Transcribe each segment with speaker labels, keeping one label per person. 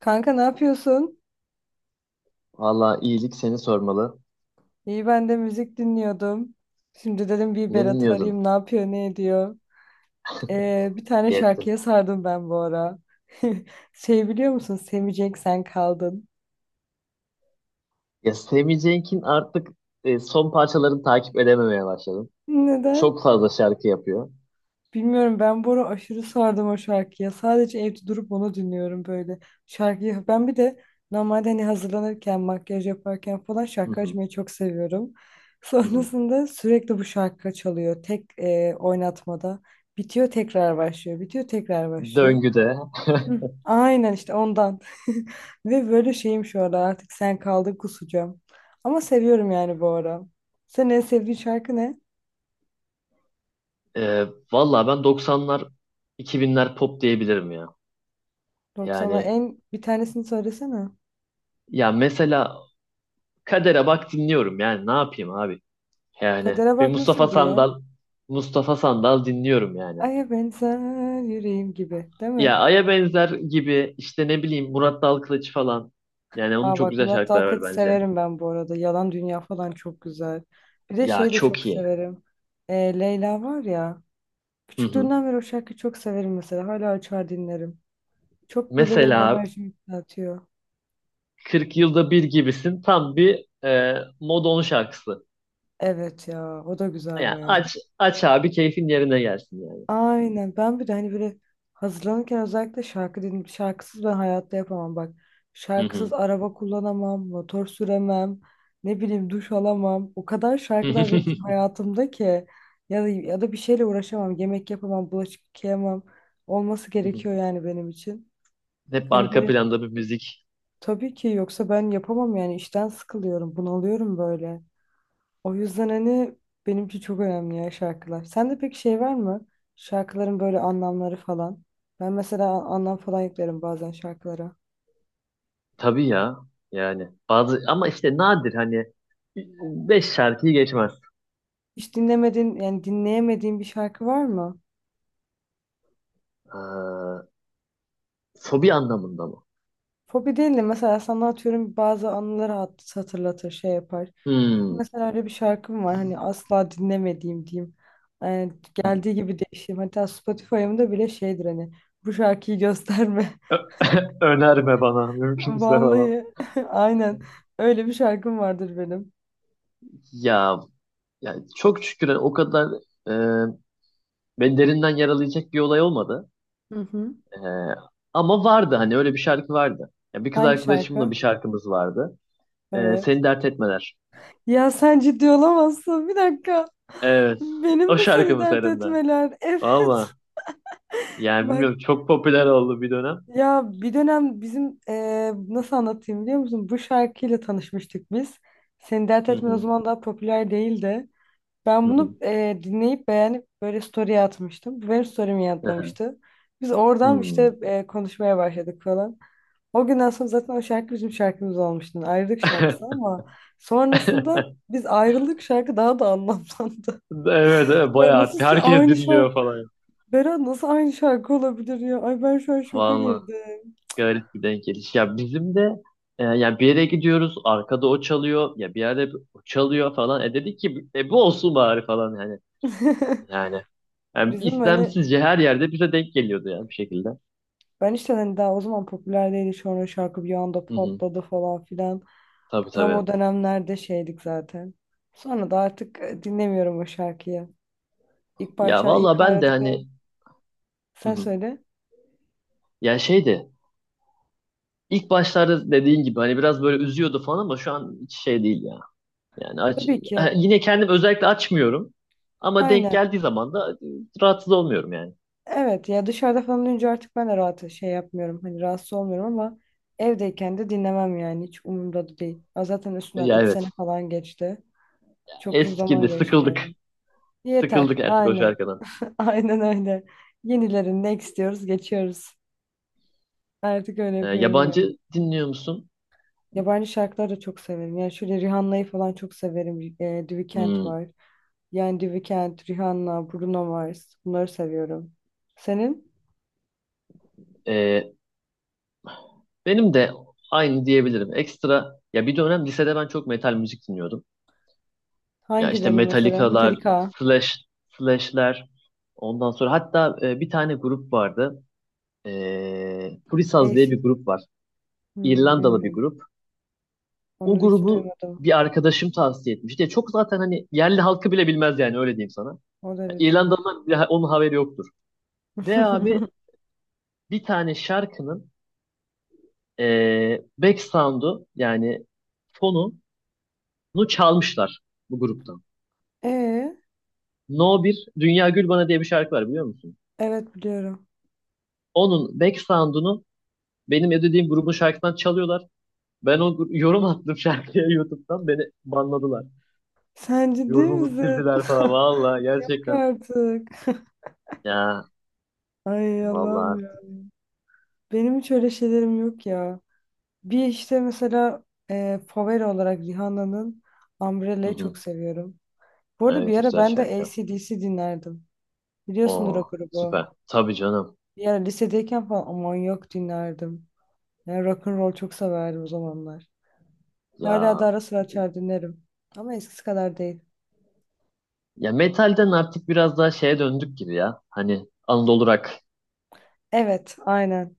Speaker 1: Kanka ne yapıyorsun?
Speaker 2: Valla iyilik, seni sormalı.
Speaker 1: İyi ben de müzik dinliyordum. Şimdi dedim bir
Speaker 2: Ne
Speaker 1: Berat'ı
Speaker 2: dinliyordun?
Speaker 1: arayayım ne yapıyor ne ediyor. Bir tane
Speaker 2: İyi ettin.
Speaker 1: şarkıya sardım ben bu ara. Şey biliyor musun? Sevecek sen kaldın.
Speaker 2: Ya Sammy Cenk'in artık son parçalarını takip edememeye başladım.
Speaker 1: Neden?
Speaker 2: Çok fazla şarkı yapıyor.
Speaker 1: Bilmiyorum ben bu ara aşırı sardım o şarkıya. Sadece evde durup onu dinliyorum böyle. Şarkıyı ben bir de normalde hani hazırlanırken, makyaj yaparken falan
Speaker 2: Hı
Speaker 1: şarkı
Speaker 2: hı,
Speaker 1: açmayı çok seviyorum.
Speaker 2: hı hı.
Speaker 1: Sonrasında sürekli bu şarkı çalıyor. Tek oynatmada. Bitiyor tekrar başlıyor. Bitiyor tekrar başlıyor.
Speaker 2: Döngüde.
Speaker 1: Hı, aynen işte ondan. Ve böyle şeyim şu ara artık sen kaldın kusacağım. Ama seviyorum yani bu ara. Senin en sevdiğin şarkı ne?
Speaker 2: E, Valla ben 90'lar 2000'ler pop diyebilirim ya.
Speaker 1: 90'lar
Speaker 2: Yani
Speaker 1: en bir tanesini söylesene.
Speaker 2: ya mesela Kader'e bak dinliyorum, yani ne yapayım abi. Yani
Speaker 1: Kadere
Speaker 2: bir
Speaker 1: bak
Speaker 2: Mustafa
Speaker 1: nasıldı ya?
Speaker 2: Sandal Mustafa Sandal dinliyorum yani.
Speaker 1: Aya benzer yüreğim gibi, değil mi?
Speaker 2: Ya Ay'a benzer gibi, işte ne bileyim, Murat Dalkılıç falan. Yani onun
Speaker 1: Aa
Speaker 2: çok
Speaker 1: bak
Speaker 2: güzel
Speaker 1: Murat
Speaker 2: şarkıları var
Speaker 1: Dalkılıç'ı
Speaker 2: bence.
Speaker 1: severim ben bu arada. Yalan Dünya falan çok güzel. Bir de
Speaker 2: Ya
Speaker 1: şeyi de çok
Speaker 2: çok iyi.
Speaker 1: severim. Leyla var ya.
Speaker 2: Hı hı.
Speaker 1: Küçüklüğümden beri o şarkıyı çok severim mesela. Hala açar dinlerim. Çok böyle benim
Speaker 2: Mesela
Speaker 1: enerjimi yükseltiyor.
Speaker 2: 40 yılda bir gibisin, tam bir Modon şarkısı.
Speaker 1: Evet ya, o da güzel
Speaker 2: Yani
Speaker 1: bayağı.
Speaker 2: aç aç abi, keyfin yerine gelsin yani.
Speaker 1: Aynen. Ben bir de hani böyle hazırlanırken özellikle şarkı dinleyip şarkısız ben hayatta yapamam bak.
Speaker 2: Hı
Speaker 1: Şarkısız
Speaker 2: hı.
Speaker 1: araba kullanamam, motor süremem, ne bileyim duş alamam. O kadar şarkılar benim için hayatımda ki ya da bir şeyle uğraşamam, yemek yapamam, bulaşık yıkayamam. Olması
Speaker 2: Hı hı.
Speaker 1: gerekiyor yani benim için.
Speaker 2: Hep
Speaker 1: Hani
Speaker 2: arka
Speaker 1: böyle
Speaker 2: planda bir müzik.
Speaker 1: tabii ki yoksa ben yapamam yani işten sıkılıyorum, bunalıyorum böyle. O yüzden hani benimki çok önemli ya şarkılar. Sende peki şey var mı? Şarkıların böyle anlamları falan. Ben mesela anlam falan yüklerim bazen şarkılara.
Speaker 2: Tabii ya. Yani bazı ama işte nadir hani 5 şarkıyı geçmez.
Speaker 1: Hiç dinlemediğin yani dinleyemediğin bir şarkı var mı?
Speaker 2: Ee, Fobi anlamında mı?
Speaker 1: Fobi değil de mesela sana atıyorum bazı anıları hatırlatır şey yapar.
Speaker 2: Hmm.
Speaker 1: Mesela öyle bir şarkım var hani asla dinlemediğim diyeyim. Yani
Speaker 2: Hı hı.
Speaker 1: geldiği gibi değişim. Hatta Spotify'ımda bile şeydir hani bu şarkıyı gösterme.
Speaker 2: Önerme bana mümkünse falan.
Speaker 1: Vallahi aynen öyle bir şarkım vardır benim.
Speaker 2: Ya, ya, çok şükür o kadar e, beni derinden yaralayacak bir olay olmadı.
Speaker 1: Hı hı.
Speaker 2: E, Ama vardı hani, öyle bir şarkı vardı. Ya, bir kız
Speaker 1: Hangi
Speaker 2: arkadaşımla
Speaker 1: şarkı?
Speaker 2: bir şarkımız vardı.
Speaker 1: Evet.
Speaker 2: Seni Dert Etmeler.
Speaker 1: Ya sen ciddi olamazsın. Bir dakika.
Speaker 2: Evet.
Speaker 1: Benim
Speaker 2: O
Speaker 1: de seni
Speaker 2: şarkımız
Speaker 1: dert
Speaker 2: senin de.
Speaker 1: etmeler. Evet.
Speaker 2: Ama yani
Speaker 1: Bak
Speaker 2: bilmiyorum, çok popüler oldu bir dönem.
Speaker 1: ya bir dönem bizim nasıl anlatayım biliyor musun? Bu şarkıyla tanışmıştık biz. Seni dert
Speaker 2: Hı
Speaker 1: etme o
Speaker 2: hı.
Speaker 1: zaman daha popüler değildi. Ben
Speaker 2: Hı hı.
Speaker 1: bunu dinleyip beğenip böyle story'e atmıştım. Bu benim story'mi
Speaker 2: Hı hı.
Speaker 1: yanıtlamıştı. Biz oradan
Speaker 2: Hı.
Speaker 1: işte konuşmaya başladık falan. O günden sonra zaten o şarkı bizim şarkımız olmuştu. Ayrılık şarkısı ama sonrasında biz ayrılık şarkı daha da anlamlandı.
Speaker 2: Evet, evet,
Speaker 1: Ya
Speaker 2: bayağı
Speaker 1: nasıl
Speaker 2: herkes
Speaker 1: aynı şarkı
Speaker 2: dinliyor falan.
Speaker 1: Berat nasıl aynı şarkı olabilir ya? Ay ben şu an şoka
Speaker 2: Vallahi.
Speaker 1: girdim.
Speaker 2: Garip bir denk geliş. Ya bizim de yani bir yere gidiyoruz, arkada o çalıyor ya, bir yerde o çalıyor falan. Dedik ki, bu olsun bari falan yani. Yani, yani
Speaker 1: Bizim hani
Speaker 2: istemsizce her yerde bize denk geliyordu yani, bir şekilde.
Speaker 1: ben işte hani daha o zaman popüler değildi. Sonra şarkı bir anda
Speaker 2: Hı hı.
Speaker 1: patladı falan filan.
Speaker 2: Tabii
Speaker 1: Tam
Speaker 2: tabii.
Speaker 1: o dönemlerde şeydik zaten. Sonra da artık dinlemiyorum o şarkıyı. İlk
Speaker 2: Ya
Speaker 1: başlar
Speaker 2: vallahi
Speaker 1: ilk
Speaker 2: ben de
Speaker 1: ayrıldıklarım
Speaker 2: hani, hı
Speaker 1: sen
Speaker 2: hı.
Speaker 1: söyle.
Speaker 2: Ya şeydi, ilk başlarda dediğin gibi hani biraz böyle üzüyordu falan, ama şu an hiç şey değil ya. Yani aç...
Speaker 1: Tabii ki.
Speaker 2: Yine kendim özellikle açmıyorum, ama denk
Speaker 1: Aynen.
Speaker 2: geldiği zaman da rahatsız olmuyorum yani.
Speaker 1: Evet ya dışarıda falan olunca artık ben de rahat şey yapmıyorum. Hani rahatsız olmuyorum ama evdeyken de dinlemem yani. Hiç umurumda da değil. Ya zaten üstünden
Speaker 2: Ya
Speaker 1: 3 sene
Speaker 2: evet,
Speaker 1: falan geçti. Çok uzun zaman
Speaker 2: eskidi,
Speaker 1: geçti
Speaker 2: sıkıldık.
Speaker 1: yani. Yeter.
Speaker 2: Sıkıldık artık o
Speaker 1: Aynen.
Speaker 2: şarkıdan.
Speaker 1: Aynen öyle. Yenilerini ne istiyoruz geçiyoruz. Artık öyle yapıyorum yani.
Speaker 2: Yabancı dinliyor musun?
Speaker 1: Yabancı şarkıları da çok severim. Yani şöyle Rihanna'yı falan çok severim. The Weeknd
Speaker 2: Hmm,
Speaker 1: var. Yani The Weeknd, Rihanna, Bruno Mars. Bunları seviyorum. Senin
Speaker 2: ee, benim de aynı diyebilirim. Ekstra ya, bir dönem lisede ben çok metal müzik dinliyordum. Ya işte
Speaker 1: hangilerini mesela?
Speaker 2: Metallica'lar,
Speaker 1: Metallica.
Speaker 2: Slash, Slash'ler. Ondan sonra hatta bir tane grup vardı. Purisaz diye bir grup var.
Speaker 1: Hmm,
Speaker 2: İrlandalı bir
Speaker 1: bilmiyorum.
Speaker 2: grup. O
Speaker 1: Onu hiç
Speaker 2: grubu
Speaker 1: duymadım.
Speaker 2: bir arkadaşım tavsiye etmişti. Ya çok, zaten hani yerli halkı bile bilmez yani, öyle diyeyim sana.
Speaker 1: O
Speaker 2: Ya
Speaker 1: derece.
Speaker 2: İrlandalılar bile onun haberi yoktur. Ve abi bir tane şarkının back sound'u, yani fonunu, çalmışlar bu gruptan.
Speaker 1: Ee,
Speaker 2: No bir Dünya Gül Bana diye bir şarkı var, biliyor musun?
Speaker 1: evet biliyorum.
Speaker 2: Onun back sound'unu benim ödediğim grubun şarkısından çalıyorlar. Ben yorum attım şarkıya. YouTube'dan beni banladılar.
Speaker 1: Sen ciddi
Speaker 2: Yorumumu
Speaker 1: misin?
Speaker 2: sildiler falan. Valla
Speaker 1: Yok
Speaker 2: gerçekten.
Speaker 1: artık.
Speaker 2: Ya
Speaker 1: Ay Allah'ım
Speaker 2: valla.
Speaker 1: ya. Benim hiç öyle şeylerim yok ya. Bir işte mesela favori olarak Rihanna'nın
Speaker 2: Hı
Speaker 1: Umbrella'yı çok
Speaker 2: hı.
Speaker 1: seviyorum. Bu arada
Speaker 2: Evet,
Speaker 1: bir ara
Speaker 2: güzel
Speaker 1: ben de
Speaker 2: şarkı.
Speaker 1: AC/DC dinlerdim. Biliyorsundur o
Speaker 2: Oo,
Speaker 1: grubu.
Speaker 2: süper. Tabii canım.
Speaker 1: Bir ara lisedeyken falan aman yok dinlerdim. Yani rock and roll çok severdim o zamanlar. Hala da
Speaker 2: Ya
Speaker 1: ara sıra açar dinlerim. Ama eskisi kadar değil.
Speaker 2: ya metalden artık biraz daha şeye döndük gibi ya. Hani Anadolu rock...
Speaker 1: Evet, aynen.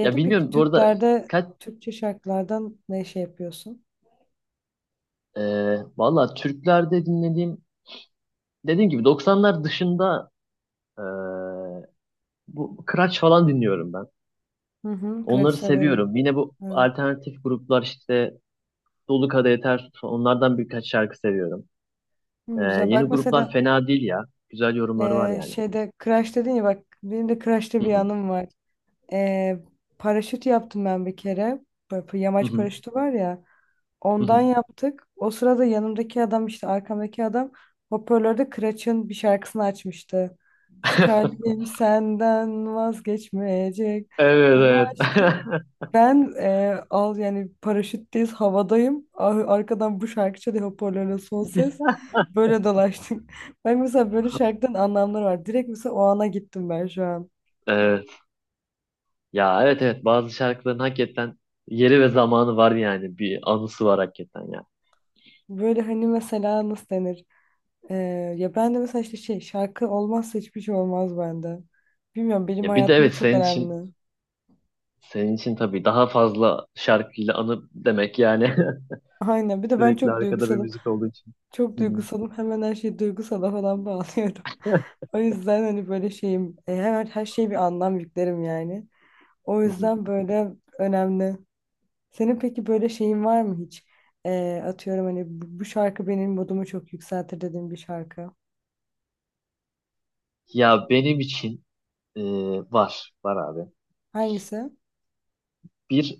Speaker 2: Ya
Speaker 1: peki
Speaker 2: bilmiyorum, bu arada
Speaker 1: Türklerde
Speaker 2: kaç...
Speaker 1: Türkçe şarkılardan ne şey yapıyorsun?
Speaker 2: e, Valla, Türklerde dinlediğim, dediğim gibi 90'lar dışında, e, bu Kıraç falan dinliyorum ben.
Speaker 1: Hı hı, Kıraç
Speaker 2: Onları
Speaker 1: severim.
Speaker 2: seviyorum. Yine bu
Speaker 1: Evet.
Speaker 2: alternatif gruplar işte, Dolu Kadehi Ters Tut, onlardan birkaç şarkı seviyorum.
Speaker 1: Hı, güzel.
Speaker 2: Yeni
Speaker 1: Bak
Speaker 2: gruplar
Speaker 1: mesela
Speaker 2: fena değil ya. Güzel yorumları var yani.
Speaker 1: şeyde crash dedin ya bak benim de Kıraç'ta
Speaker 2: Hı
Speaker 1: bir
Speaker 2: hı.
Speaker 1: anım var. Eee, paraşüt yaptım ben bir kere. Böyle
Speaker 2: Hı
Speaker 1: yamaç
Speaker 2: hı.
Speaker 1: paraşütü var ya.
Speaker 2: Hı
Speaker 1: Ondan
Speaker 2: hı.
Speaker 1: yaptık. O sırada yanımdaki adam işte arkamdaki adam hoparlörde Kıraç'ın bir şarkısını açmıştı. Skalpim senden vazgeçmeyecek. Onu
Speaker 2: Evet,
Speaker 1: açtı.
Speaker 2: evet.
Speaker 1: Ben al yani paraşütteyiz havadayım. Arkadan bu şarkı çalıyor hoparlörle son ses. Böyle dolaştık. Ben mesela böyle şarkıdan anlamları var. Direkt mesela o ana gittim ben şu an.
Speaker 2: Evet. Ya evet, evet, bazı şarkıların hakikaten yeri ve zamanı var yani, bir anısı var hakikaten ya.
Speaker 1: Böyle hani mesela nasıl denir? Ee, ya ben de mesela işte şey şarkı olmazsa hiçbir şey olmaz bende. Bilmiyorum benim
Speaker 2: Ya bir de
Speaker 1: hayatımda
Speaker 2: evet,
Speaker 1: çok
Speaker 2: senin için
Speaker 1: önemli.
Speaker 2: Senin için tabii daha fazla şarkıyla anı demek yani.
Speaker 1: Aynen bir de ben
Speaker 2: Sürekli
Speaker 1: çok
Speaker 2: arkada bir
Speaker 1: duygusalım.
Speaker 2: müzik olduğu için.
Speaker 1: Çok
Speaker 2: Hı hı,
Speaker 1: duygusalım hemen her şeyi duygusala falan bağlıyorum. O yüzden hani böyle şeyim hemen her şeye bir anlam yüklerim yani. O
Speaker 2: hı hı.
Speaker 1: yüzden böyle önemli. Senin peki böyle şeyin var mı hiç? Atıyorum hani bu şarkı benim modumu çok yükseltir dediğin bir şarkı.
Speaker 2: Ya benim için e, var. Var abi.
Speaker 1: Hangisi?
Speaker 2: Bir,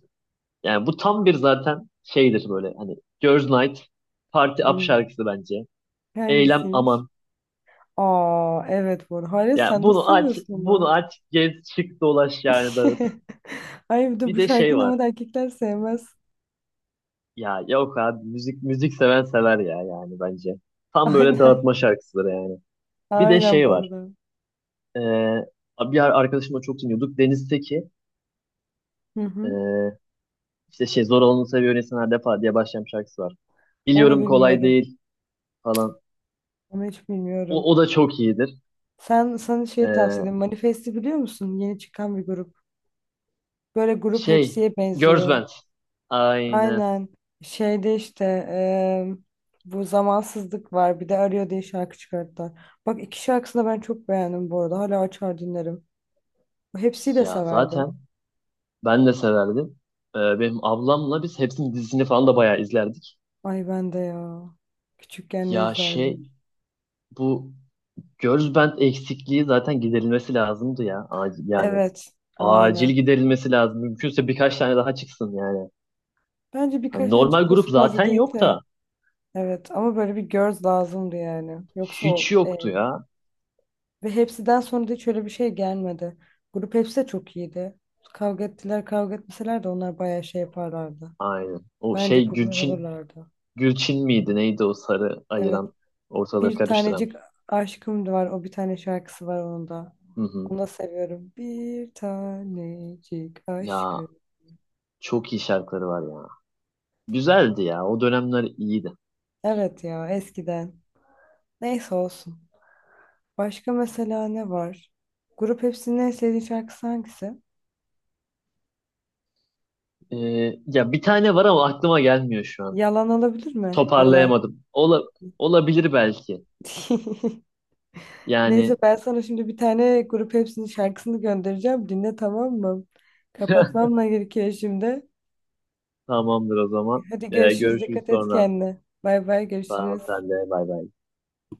Speaker 2: yani bu tam bir zaten şeydir, böyle hani Girls Night Party Up
Speaker 1: Hmm.
Speaker 2: şarkısı bence. Eylem
Speaker 1: Hangisiymiş?
Speaker 2: aman.
Speaker 1: Aa evet bu arada. Hayır
Speaker 2: Ya
Speaker 1: sen nasıl
Speaker 2: bunu aç,
Speaker 1: seviyorsun
Speaker 2: bunu
Speaker 1: onu?
Speaker 2: aç, gez, çık, dolaş, yani dağıt.
Speaker 1: Ay bir de
Speaker 2: Bir
Speaker 1: bu
Speaker 2: de şey
Speaker 1: şarkıyı
Speaker 2: var.
Speaker 1: normalde erkekler sevmez.
Speaker 2: Ya yok abi, müzik seven sever ya, yani bence. Tam böyle
Speaker 1: Aynen.
Speaker 2: dağıtma şarkısıdır yani. Bir de
Speaker 1: Aynen
Speaker 2: şey
Speaker 1: bu
Speaker 2: var.
Speaker 1: arada.
Speaker 2: Ee, Bir arkadaşımla çok dinliyorduk. Deniz'teki,
Speaker 1: Hı hı.
Speaker 2: ee, işte şey, zor olanı seviyor insan her defa diye başlayan bir şarkısı var.
Speaker 1: Onu
Speaker 2: Biliyorum kolay
Speaker 1: bilmiyorum.
Speaker 2: değil falan.
Speaker 1: Onu hiç
Speaker 2: O,
Speaker 1: bilmiyorum.
Speaker 2: o da çok iyidir.
Speaker 1: Sen sana şey tavsiye
Speaker 2: Ee,
Speaker 1: ederim. Manifest'i biliyor musun? Yeni çıkan bir grup. Böyle grup
Speaker 2: Şey,
Speaker 1: hepsiye
Speaker 2: Girls
Speaker 1: benziyor.
Speaker 2: Band. Aynen.
Speaker 1: Aynen. Şeyde işte bu zamansızlık var. Bir de Arıyor diye şarkı çıkarttılar. Bak iki şarkısını da ben çok beğendim bu arada. Hala açar dinlerim. Hepsini de
Speaker 2: Ya
Speaker 1: severdim.
Speaker 2: zaten ben de severdim. Benim ablamla biz hepsinin dizisini falan da bayağı izlerdik.
Speaker 1: Ay ben de ya. Küçükken ne
Speaker 2: Ya şey,
Speaker 1: izlerdim?
Speaker 2: bu Girls Band eksikliği zaten giderilmesi lazımdı ya. Acil, yani
Speaker 1: Evet,
Speaker 2: acil
Speaker 1: aynen.
Speaker 2: giderilmesi lazım. Mümkünse birkaç tane daha çıksın yani.
Speaker 1: Bence
Speaker 2: Hani
Speaker 1: birkaç tane
Speaker 2: normal grup
Speaker 1: çıkması fazla
Speaker 2: zaten
Speaker 1: değil
Speaker 2: yok
Speaker 1: de.
Speaker 2: da,
Speaker 1: Evet ama böyle bir göz lazımdı yani. Yoksa
Speaker 2: hiç
Speaker 1: o
Speaker 2: yoktu ya.
Speaker 1: ve hepsiden sonra da hiç öyle bir şey gelmedi. Grup hepsi de çok iyiydi. Kavga ettiler kavga etmeseler de onlar bayağı şey yaparlardı.
Speaker 2: Aynen. O
Speaker 1: Bence
Speaker 2: şey
Speaker 1: popüler
Speaker 2: Gülçin
Speaker 1: olurlardı.
Speaker 2: Gülçin miydi? Neydi o sarı
Speaker 1: Evet.
Speaker 2: ayıran, ortalığı
Speaker 1: Bir tanecik
Speaker 2: karıştıran?
Speaker 1: aşkım da var. O bir tane şarkısı var onun da.
Speaker 2: Hı hı.
Speaker 1: Onu da seviyorum. Bir tanecik
Speaker 2: Ya
Speaker 1: aşkım.
Speaker 2: çok iyi şarkıları var ya. Güzeldi ya. O dönemler iyiydi.
Speaker 1: Evet ya eskiden. Neyse olsun. Başka mesela ne var? Grup Hepsi'nin en sevdiği şarkısı hangisi?
Speaker 2: Ee, Ya bir tane var ama aklıma gelmiyor şu an.
Speaker 1: Yalan olabilir mi? Yalan.
Speaker 2: Toparlayamadım. Olabilir belki.
Speaker 1: Neyse
Speaker 2: Yani
Speaker 1: ben sana şimdi bir tane Grup Hepsi'nin şarkısını göndereceğim. Dinle tamam mı? Kapatmam da gerekiyor şimdi.
Speaker 2: tamamdır o zaman.
Speaker 1: Hadi görüşürüz.
Speaker 2: Görüşürüz
Speaker 1: Dikkat et
Speaker 2: sonra.
Speaker 1: kendine. Bay bay
Speaker 2: Sağ ol
Speaker 1: görüşürüz.
Speaker 2: sen de. Bay bay.